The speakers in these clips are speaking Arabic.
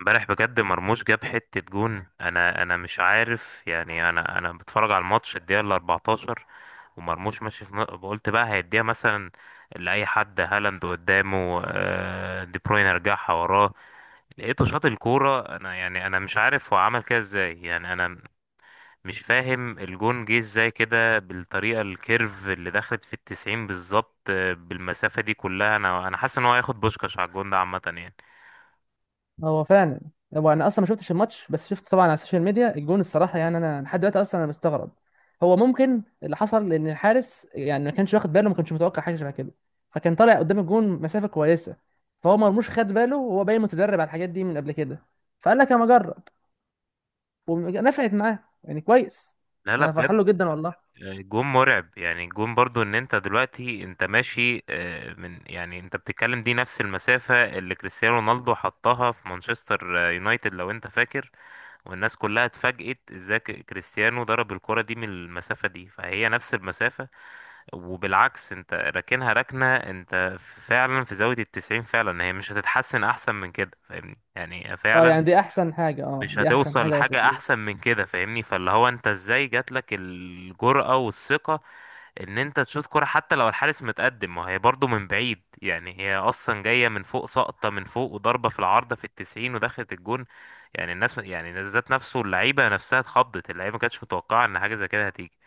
امبارح بجد مرموش جاب حتة جون. انا مش عارف، يعني انا بتفرج على الماتش الدقيقة ال 14 ومرموش ماشي قلت بقى هيديها مثلا لأي حد، هالاند قدامه، دي بروين رجعها وراه، لقيته شاط الكورة. انا يعني انا مش عارف هو عمل كده ازاي، يعني انا مش فاهم الجون جه ازاي كده، بالطريقة الكيرف اللي دخلت في التسعين بالظبط، بالمسافة دي كلها. انا حاسس ان هو هياخد بوشكاش على الجون ده، عامة يعني. هو فعلا. هو انا اصلا ما شفتش الماتش، بس شفت طبعا على السوشيال ميديا الجون. الصراحه يعني انا لحد دلوقتي اصلا انا مستغرب. هو ممكن اللي حصل ان الحارس يعني ما كانش واخد باله، ما كانش متوقع حاجه شبه كده. فكان طالع قدام الجون مسافه كويسه. فهو مرموش خد باله، وهو باين متدرب على الحاجات دي من قبل كده. فقال لك انا اجرب. ونفعت معاه يعني كويس. لا لا انا بجد، فرحان له جدا والله. جون مرعب. يعني جون برضو، ان انت دلوقتي انت ماشي، من يعني انت بتتكلم، دي نفس المسافة اللي كريستيانو رونالدو حطها في مانشستر يونايتد لو انت فاكر، والناس كلها اتفاجئت ازاي كريستيانو ضرب الكرة دي من المسافة دي، فهي نفس المسافة. وبالعكس، انت راكنها ركنة، انت فعلا في زاوية التسعين فعلا، هي مش هتتحسن احسن من كده، فاهمني؟ يعني اه، فعلا يعني دي احسن حاجه، اه مش دي احسن هتوصل حاجه وصلت لحاجة لي احسن من كده، فاهمني؟ فاللي هو انت ازاي جاتلك الجرأة والثقة ان انت تشوط كرة، حتى لو الحارس متقدم، ما هي برضو من بعيد، يعني هي اصلا جاية من فوق، سقطة من فوق وضربة في العارضة في التسعين ودخلت الجون. يعني الناس، يعني الناس ذات نفسه، اللعيبة نفسها اتخضت، اللعيبة ما كانتش متوقعة ان حاجة زي كده هتيجي.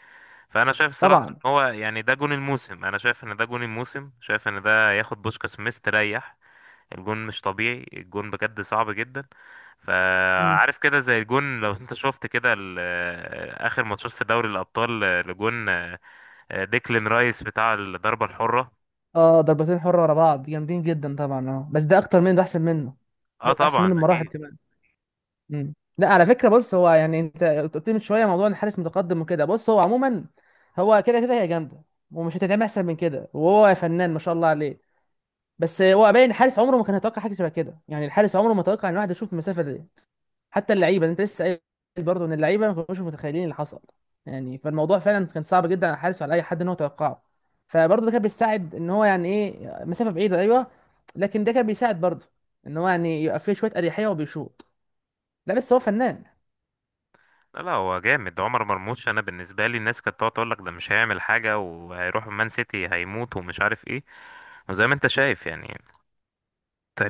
فانا شايف الصراحة طبعا. ان هو، يعني ده جون الموسم، انا شايف ان ده جون الموسم، شايف ان ده ياخد بوشكاس مستريح. الجون مش طبيعي، الجون بجد صعب جدا. مم. فعارف كده زي الجون، لو انت شفت كده اخر ماتشات في دوري الابطال، لجون ديكلين رايس بتاع الضربة الحرة. اه، ضربتين حره ورا بعض جامدين جدا طبعا، اه بس ده اكتر منه، ده احسن منه. اه ده احسن منه طبعا بمراحل اكيد. كمان. مم. لا، على فكره، بص هو يعني انت قلت لي من شويه موضوع ان الحارس متقدم وكده. بص هو عموما، هو كده كده هي جامده، ومش هتتعمل احسن من كده، وهو فنان ما شاء الله عليه. بس هو باين الحارس عمره ما كان يتوقع حاجه شبه كده. يعني الحارس عمره ما توقع ان واحد يشوف المسافه دي. حتى اللعيبه انت لسه قايل برضه ان اللعيبه ما كانوش متخيلين اللي حصل. يعني فالموضوع فعلا كان صعب جدا على الحارس وعلى اي حد ان هو يتوقعه. فبرضه ده كان بيساعد، ان هو يعني ايه مسافه بعيده، ايوه. لكن ده كان بيساعد برضه، ان هو يعني يبقى فيه شويه اريحيه وبيشوط. لا، بس هو فنان. لا لا، هو جامد عمر مرموش. انا بالنسبة لي، الناس كانت تقعد تقول لك ده مش هيعمل حاجة، وهيروح مان سيتي هيموت ومش عارف ايه، وزي ما انت شايف يعني،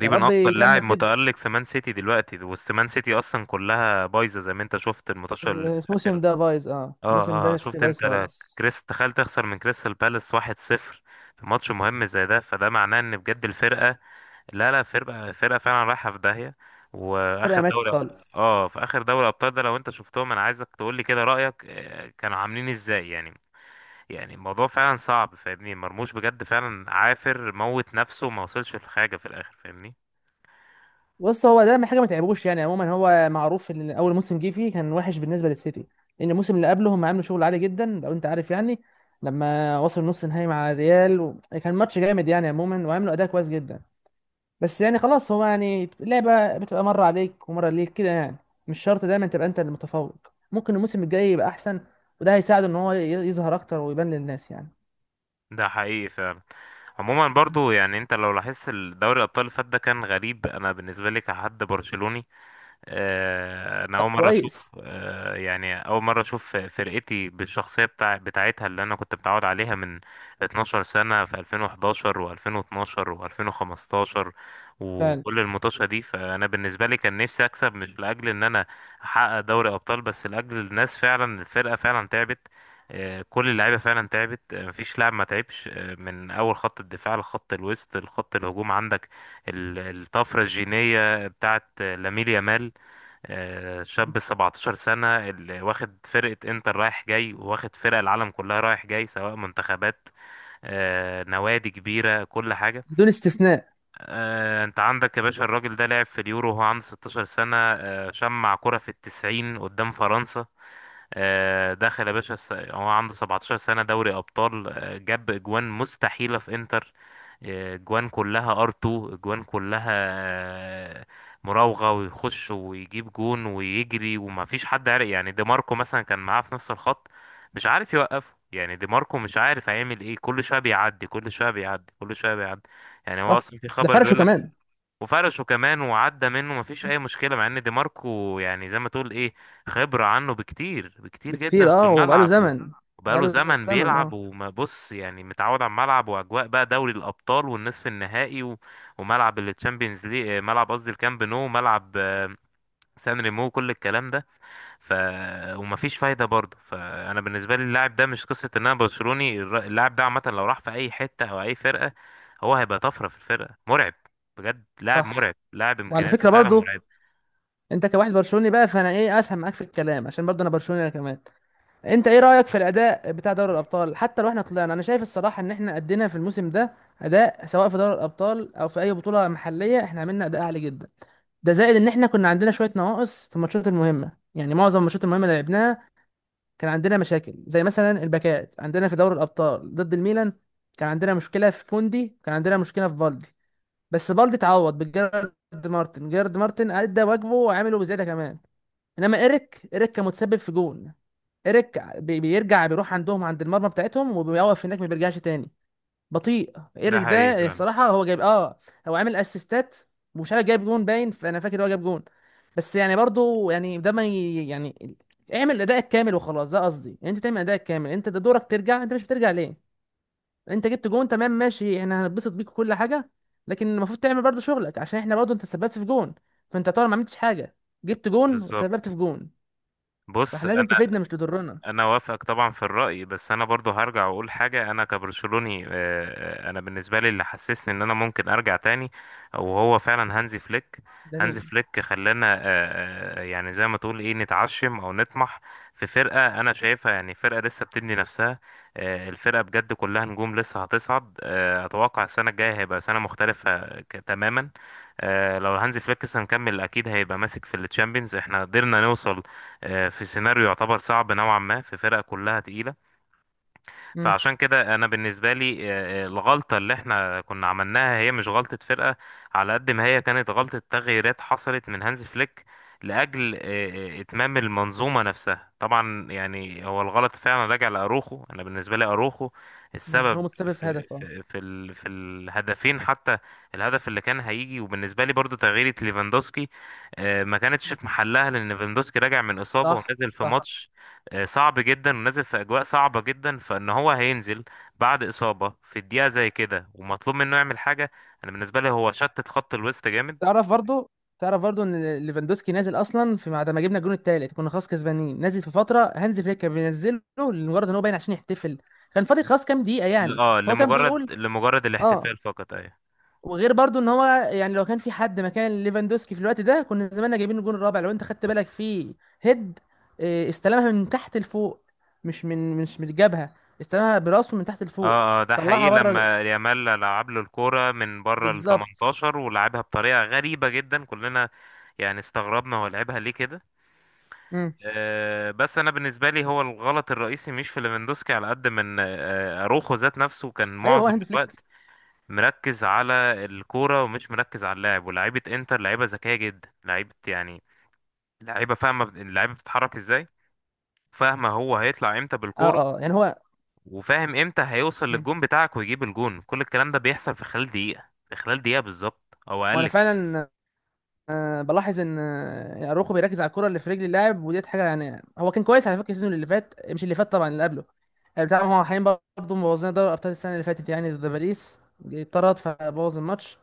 يا رب اكتر لاعب يكمل كده. متألق في مان سيتي دلوقتي، وسط مان سيتي اصلا كلها بايظة، زي ما انت شفت الماتش اللي في الموسم الاخر. ده بايظ، اه الموسم اه اه، ده سيتي شفت بايظ انت؟ لا خالص. كريس، تخيل تخسر من كريستال بالاس 1-0 في ماتش مهم زي ده، فده معناه ان بجد الفرقة، لا لا، فرقة فرقة فعلا رايحة في داهية. فرقه واخر ماتت دوري، خالص. اه في اخر دوري ابطال ده، لو انت شفتهم انا عايزك تقول لي كده رأيك، كانوا عاملين ازاي يعني. يعني الموضوع فعلا صعب، فاهمني؟ مرموش بجد فعلا عافر موت نفسه وما وصلش لحاجة في الاخر، فاهمني؟ بص، هو ده حاجه ما تعبوش يعني. عموما هو معروف ان اول موسم جه فيه كان وحش بالنسبه للسيتي. لان الموسم اللي قبله هم عملوا شغل عالي جدا لو انت عارف يعني. لما وصل نص نهائي مع الريال و كان ماتش جامد يعني عموما، وعملوا اداء كويس جدا. بس يعني خلاص، هو يعني اللعبه بتبقى مره عليك ومره ليك كده يعني. مش شرط دايما تبقى انت المتفوق. ممكن الموسم الجاي يبقى احسن. وده هيساعده ان هو يظهر اكتر ويبان للناس يعني. ده حقيقي فعلا. عموما برضو، يعني انت لو لاحظت الدوري الابطال اللي فات ده كان غريب. انا بالنسبة لي كحد برشلوني، انا اول مره اشوف، كويس. يعني اول مره اشوف فرقتي بالشخصيه بتاعتها اللي انا كنت متعود عليها من 12 سنه، في 2011 و2012 و2015 فعلا. وكل المطوشه دي. فانا بالنسبه لي كان نفسي اكسب، مش لاجل ان انا احقق دوري ابطال، بس لاجل الناس. فعلا الفرقه فعلا تعبت، كل اللعيبه فعلا تعبت، مفيش لاعب ما تعبش، من اول خط الدفاع لخط الوسط لخط الهجوم. عندك الطفره الجينيه بتاعت لامين يامال، شاب 17 سنة، اللي واخد فرقة انتر رايح جاي، وواخد فرق العالم كلها رايح جاي، سواء منتخبات نوادي كبيرة، كل حاجة. بدون استثناء. انت عندك يا باشا، الراجل ده لعب في اليورو وهو عنده 16 سنة، شمع كرة في التسعين قدام فرنسا. دخل يا باشا هو عنده 17 سنة دوري أبطال، جاب أجوان مستحيلة في إنتر، أجوان كلها ار 2، أجوان كلها آه، مراوغة، ويخش ويجيب جون ويجري وما فيش حد عارف. يعني دي ماركو مثلا كان معاه في نفس الخط، مش عارف يوقفه، يعني دي ماركو مش عارف هيعمل ايه، كل شوية بيعدي كل شوية بيعدي كل شوية بيعدي. يعني هو صح. أصلا في ده خبر فرشه بيقول لك، كمان. وفرشه كمان، وعدى منه مفيش اي مشكله، مع ان دي ماركو يعني زي ما تقول ايه، خبره عنه بكتير بكتير جدا بكتير في اه، وبقاله الملعب، و زمن. وبقاله بقاله زمن زمن بيلعب اه. وبص، يعني متعود على الملعب، واجواء بقى دوري الابطال والنصف النهائي، و وملعب التشامبيونز ليج، ملعب قصدي الكامب نو، ملعب سان ريمو، كل الكلام ده. ف، ومفيش فايده برضه. فانا بالنسبه لي اللاعب ده، مش قصه ان انا برشلوني، اللاعب ده عامه لو راح في اي حته او اي فرقه، هو هيبقى طفره في الفرقه، مرعب بجد، لاعب صح. مرعب، لاعب وعلى امكانياته فكره فعلا برضو، مرعب. انت كواحد برشلوني بقى، فانا ايه افهم معاك في الكلام عشان برضو انا برشلوني انا كمان. انت ايه رايك في الاداء بتاع دوري الابطال؟ حتى لو احنا طلعنا، انا شايف الصراحه ان احنا ادينا في الموسم ده اداء، سواء في دوري الابطال او في اي بطوله محليه، احنا عملنا اداء عالي جدا. ده زائد ان احنا كنا عندنا شويه نواقص في الماتشات المهمه. يعني معظم الماتشات المهمه اللي لعبناها كان عندنا مشاكل، زي مثلا الباكات عندنا في دوري الابطال ضد الميلان. كان عندنا مشكله في كوندي، كان عندنا مشكله في بالدي. بس بالدي اتعوض بجيرارد. مارتن جيرارد مارتن ادى واجبه وعمله بزياده كمان. انما ايريك كان متسبب في جون. ايريك بيرجع، بيروح عندهم عند المرمى بتاعتهم وبيوقف هناك ما بيرجعش تاني. بطيء ده ايريك حقيقي ده فعلا، الصراحه. هو جايب اه، هو عامل اسيستات، ومش عارف جايب جون باين، فانا فاكر هو جايب جون. بس يعني برضو يعني ده ما يعني اعمل ادائك كامل وخلاص، ده قصدي يعني. انت تعمل ادائك كامل، انت ده دورك ترجع، انت مش بترجع ليه. انت جبت جون تمام ماشي، احنا هنتبسط بيك وكل حاجه. لكن المفروض تعمل برضو شغلك، عشان احنا برضو انت سببت في جون. فانت طبعا ما عملتش حاجه، جبت جون وسببت في بالظبط. جون. بص، فاحنا لازم تفيدنا مش تضرنا. انا وافقك طبعا في الرأي، بس انا برضو هرجع واقول حاجة. انا كبرشلوني، آه، انا بالنسبة لي اللي حسسني ان انا ممكن ارجع تاني، وهو فعلا هانزي فليك. هانزي جميل. فليك خلانا، آه، يعني زي ما تقول ايه، نتعشم او نطمح في فرقة انا شايفها، يعني فرقة لسه بتبني نفسها، الفرقة بجد كلها نجوم لسه هتصعد. اتوقع السنة الجاية هيبقى سنة مختلفة تماما. لو هانزي فليك لسه مكمل، اكيد هيبقى ماسك في التشامبيونز. احنا قدرنا نوصل، في سيناريو يعتبر صعب نوعا ما، في فرقة كلها تقيلة. امم. فعشان كده انا بالنسبه لي، آه، الغلطه اللي احنا كنا عملناها، هي مش غلطه فرقه على قد ما هي كانت غلطه تغييرات حصلت من هانز فليك، لاجل آه، اتمام المنظومه نفسها. طبعا يعني هو الغلط فعلا راجع لاروخو. انا بالنسبه لي اروخو هو السبب متسبب في في هدف اه. في في, ال في الهدفين حتى، الهدف اللي كان هيجي. وبالنسبه لي برضو تغييره ليفاندوسكي، ما كانتش في محلها، لان ليفاندوسكي راجع من اصابه صح ونزل في صح. ماتش، صعب جدا، ونازل في اجواء صعبه جدا، فان هو هينزل بعد اصابه في الدقيقه زي كده ومطلوب منه يعمل حاجه. انا بالنسبه لي هو شتت خط الوسط جامد. تعرف برضو تعرف برضو ان ليفاندوسكي نازل اصلا، في بعد ما جبنا الجون التالت كنا خلاص كسبانين، نازل في فتره هانز فليك كان بينزله لمجرد ان هو باين عشان يحتفل. كان فاضل خلاص كام دقيقه يعني، اه، فهو كان لمجرد بيقول لمجرد اه. الاحتفال فقط، ايوه. وغير برضو ان هو يعني لو كان في حد مكان ليفاندوسكي في الوقت ده، كنا زماننا جايبين الجون الرابع. لو انت خدت بالك في هيد، استلمها من تحت لفوق، مش من الجبهه. استلمها براسه من تحت لفوق، اه اه، ده حقيقي، طلعها بره. لما يامال لعب له الكوره من بره ال بالظبط. 18 ولعبها بطريقه غريبه جدا، كلنا يعني استغربنا هو لعبها ليه كده. مم. آه، بس انا بالنسبه لي هو الغلط الرئيسي مش في ليفاندوسكي، على قد من آه، اروخو ذات نفسه كان ايوه، هو معظم هانز فليك. الوقت مركز على الكورة ومش مركز على اللاعب. ولاعيبة انتر لعيبة ذكية جدا، لعيبة يعني لعيبة فاهمة اللعيبة بتتحرك ازاي، فاهمة هو هيطلع امتى اه بالكورة، اه آه. يعني هو. وفاهم امتى هيوصل مم. للجون بتاعك ويجيب الجون. كل الكلام ده بيحصل في خلال دقيقة، في خلال دقيقة بالظبط او وانا اقل كمان. فعلا، بلاحظ ان اروخو بيركز على الكره اللي في رجل اللاعب، وديت حاجه يعني. هو كان كويس على فكره السيزون اللي فات، مش اللي فات طبعا، اللي قبله. يعني بتاع هو حاليا برضه مبوظين دوري ابطال السنه اللي فاتت، يعني ضد باريس اتطرد فبوظ الماتش.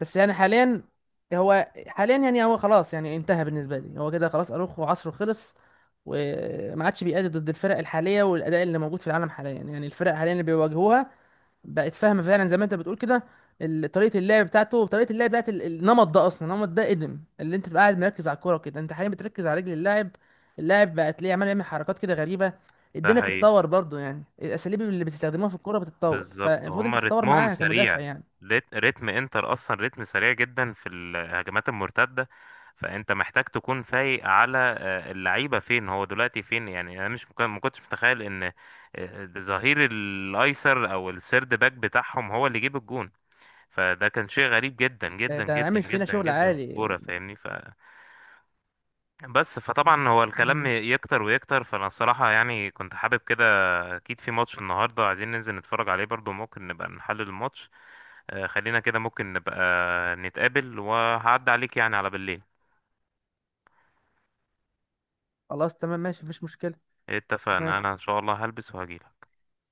بس يعني حاليا، هو حاليا يعني هو خلاص، يعني انتهى بالنسبه لي. هو كده خلاص، اروخو عصره خلص، وما عادش بيأدي ضد الفرق الحاليه والاداء اللي موجود في العالم حاليا. يعني الفرق حاليا اللي بيواجهوها بقت فاهمه فعلا، زي ما انت بتقول كده. طريقه اللعب بتاعته وطريقه اللعب بتاعت النمط ده، قدم. اللي انت تبقى قاعد مركز على الكوره كده، انت حاليا بتركز على رجل اللاعب، اللاعب بقى تلاقيه عمال يعمل حركات كده غريبه. ده الدنيا حقيقي بتتطور برضو، يعني الاساليب اللي بتستخدموها في الكوره بتتطور، بالظبط. فالمفروض انت هما تتطور رتمهم معاها كمدافع سريع، يعني. رتم انتر اصلا رتم سريع جدا في الهجمات المرتده. فانت محتاج تكون فايق على، اللعيبه فين، هو دلوقتي فين. يعني انا مش ما كنتش متخيل ان ظهير الايسر او السيرد باك بتاعهم هو اللي يجيب الجون. فده كان شيء غريب جدا ده جدا ده جدا عامل فينا جدا شغل جدا في عالي. الكوره، فاهمني؟ ف، بس فطبعا هو الكلام مم. يكتر ويكتر. فانا الصراحه يعني كنت حابب كده، اكيد في ماتش النهارده عايزين ننزل نتفرج عليه برضو، ممكن نبقى نحلل الماتش. خلينا كده، ممكن نبقى نتقابل وهعدي عليك يعني على بالليل. خلاص تمام ماشي، مفيش مشكله. اتفقنا، تمام انا ان شاء الله هلبس وهجيلك.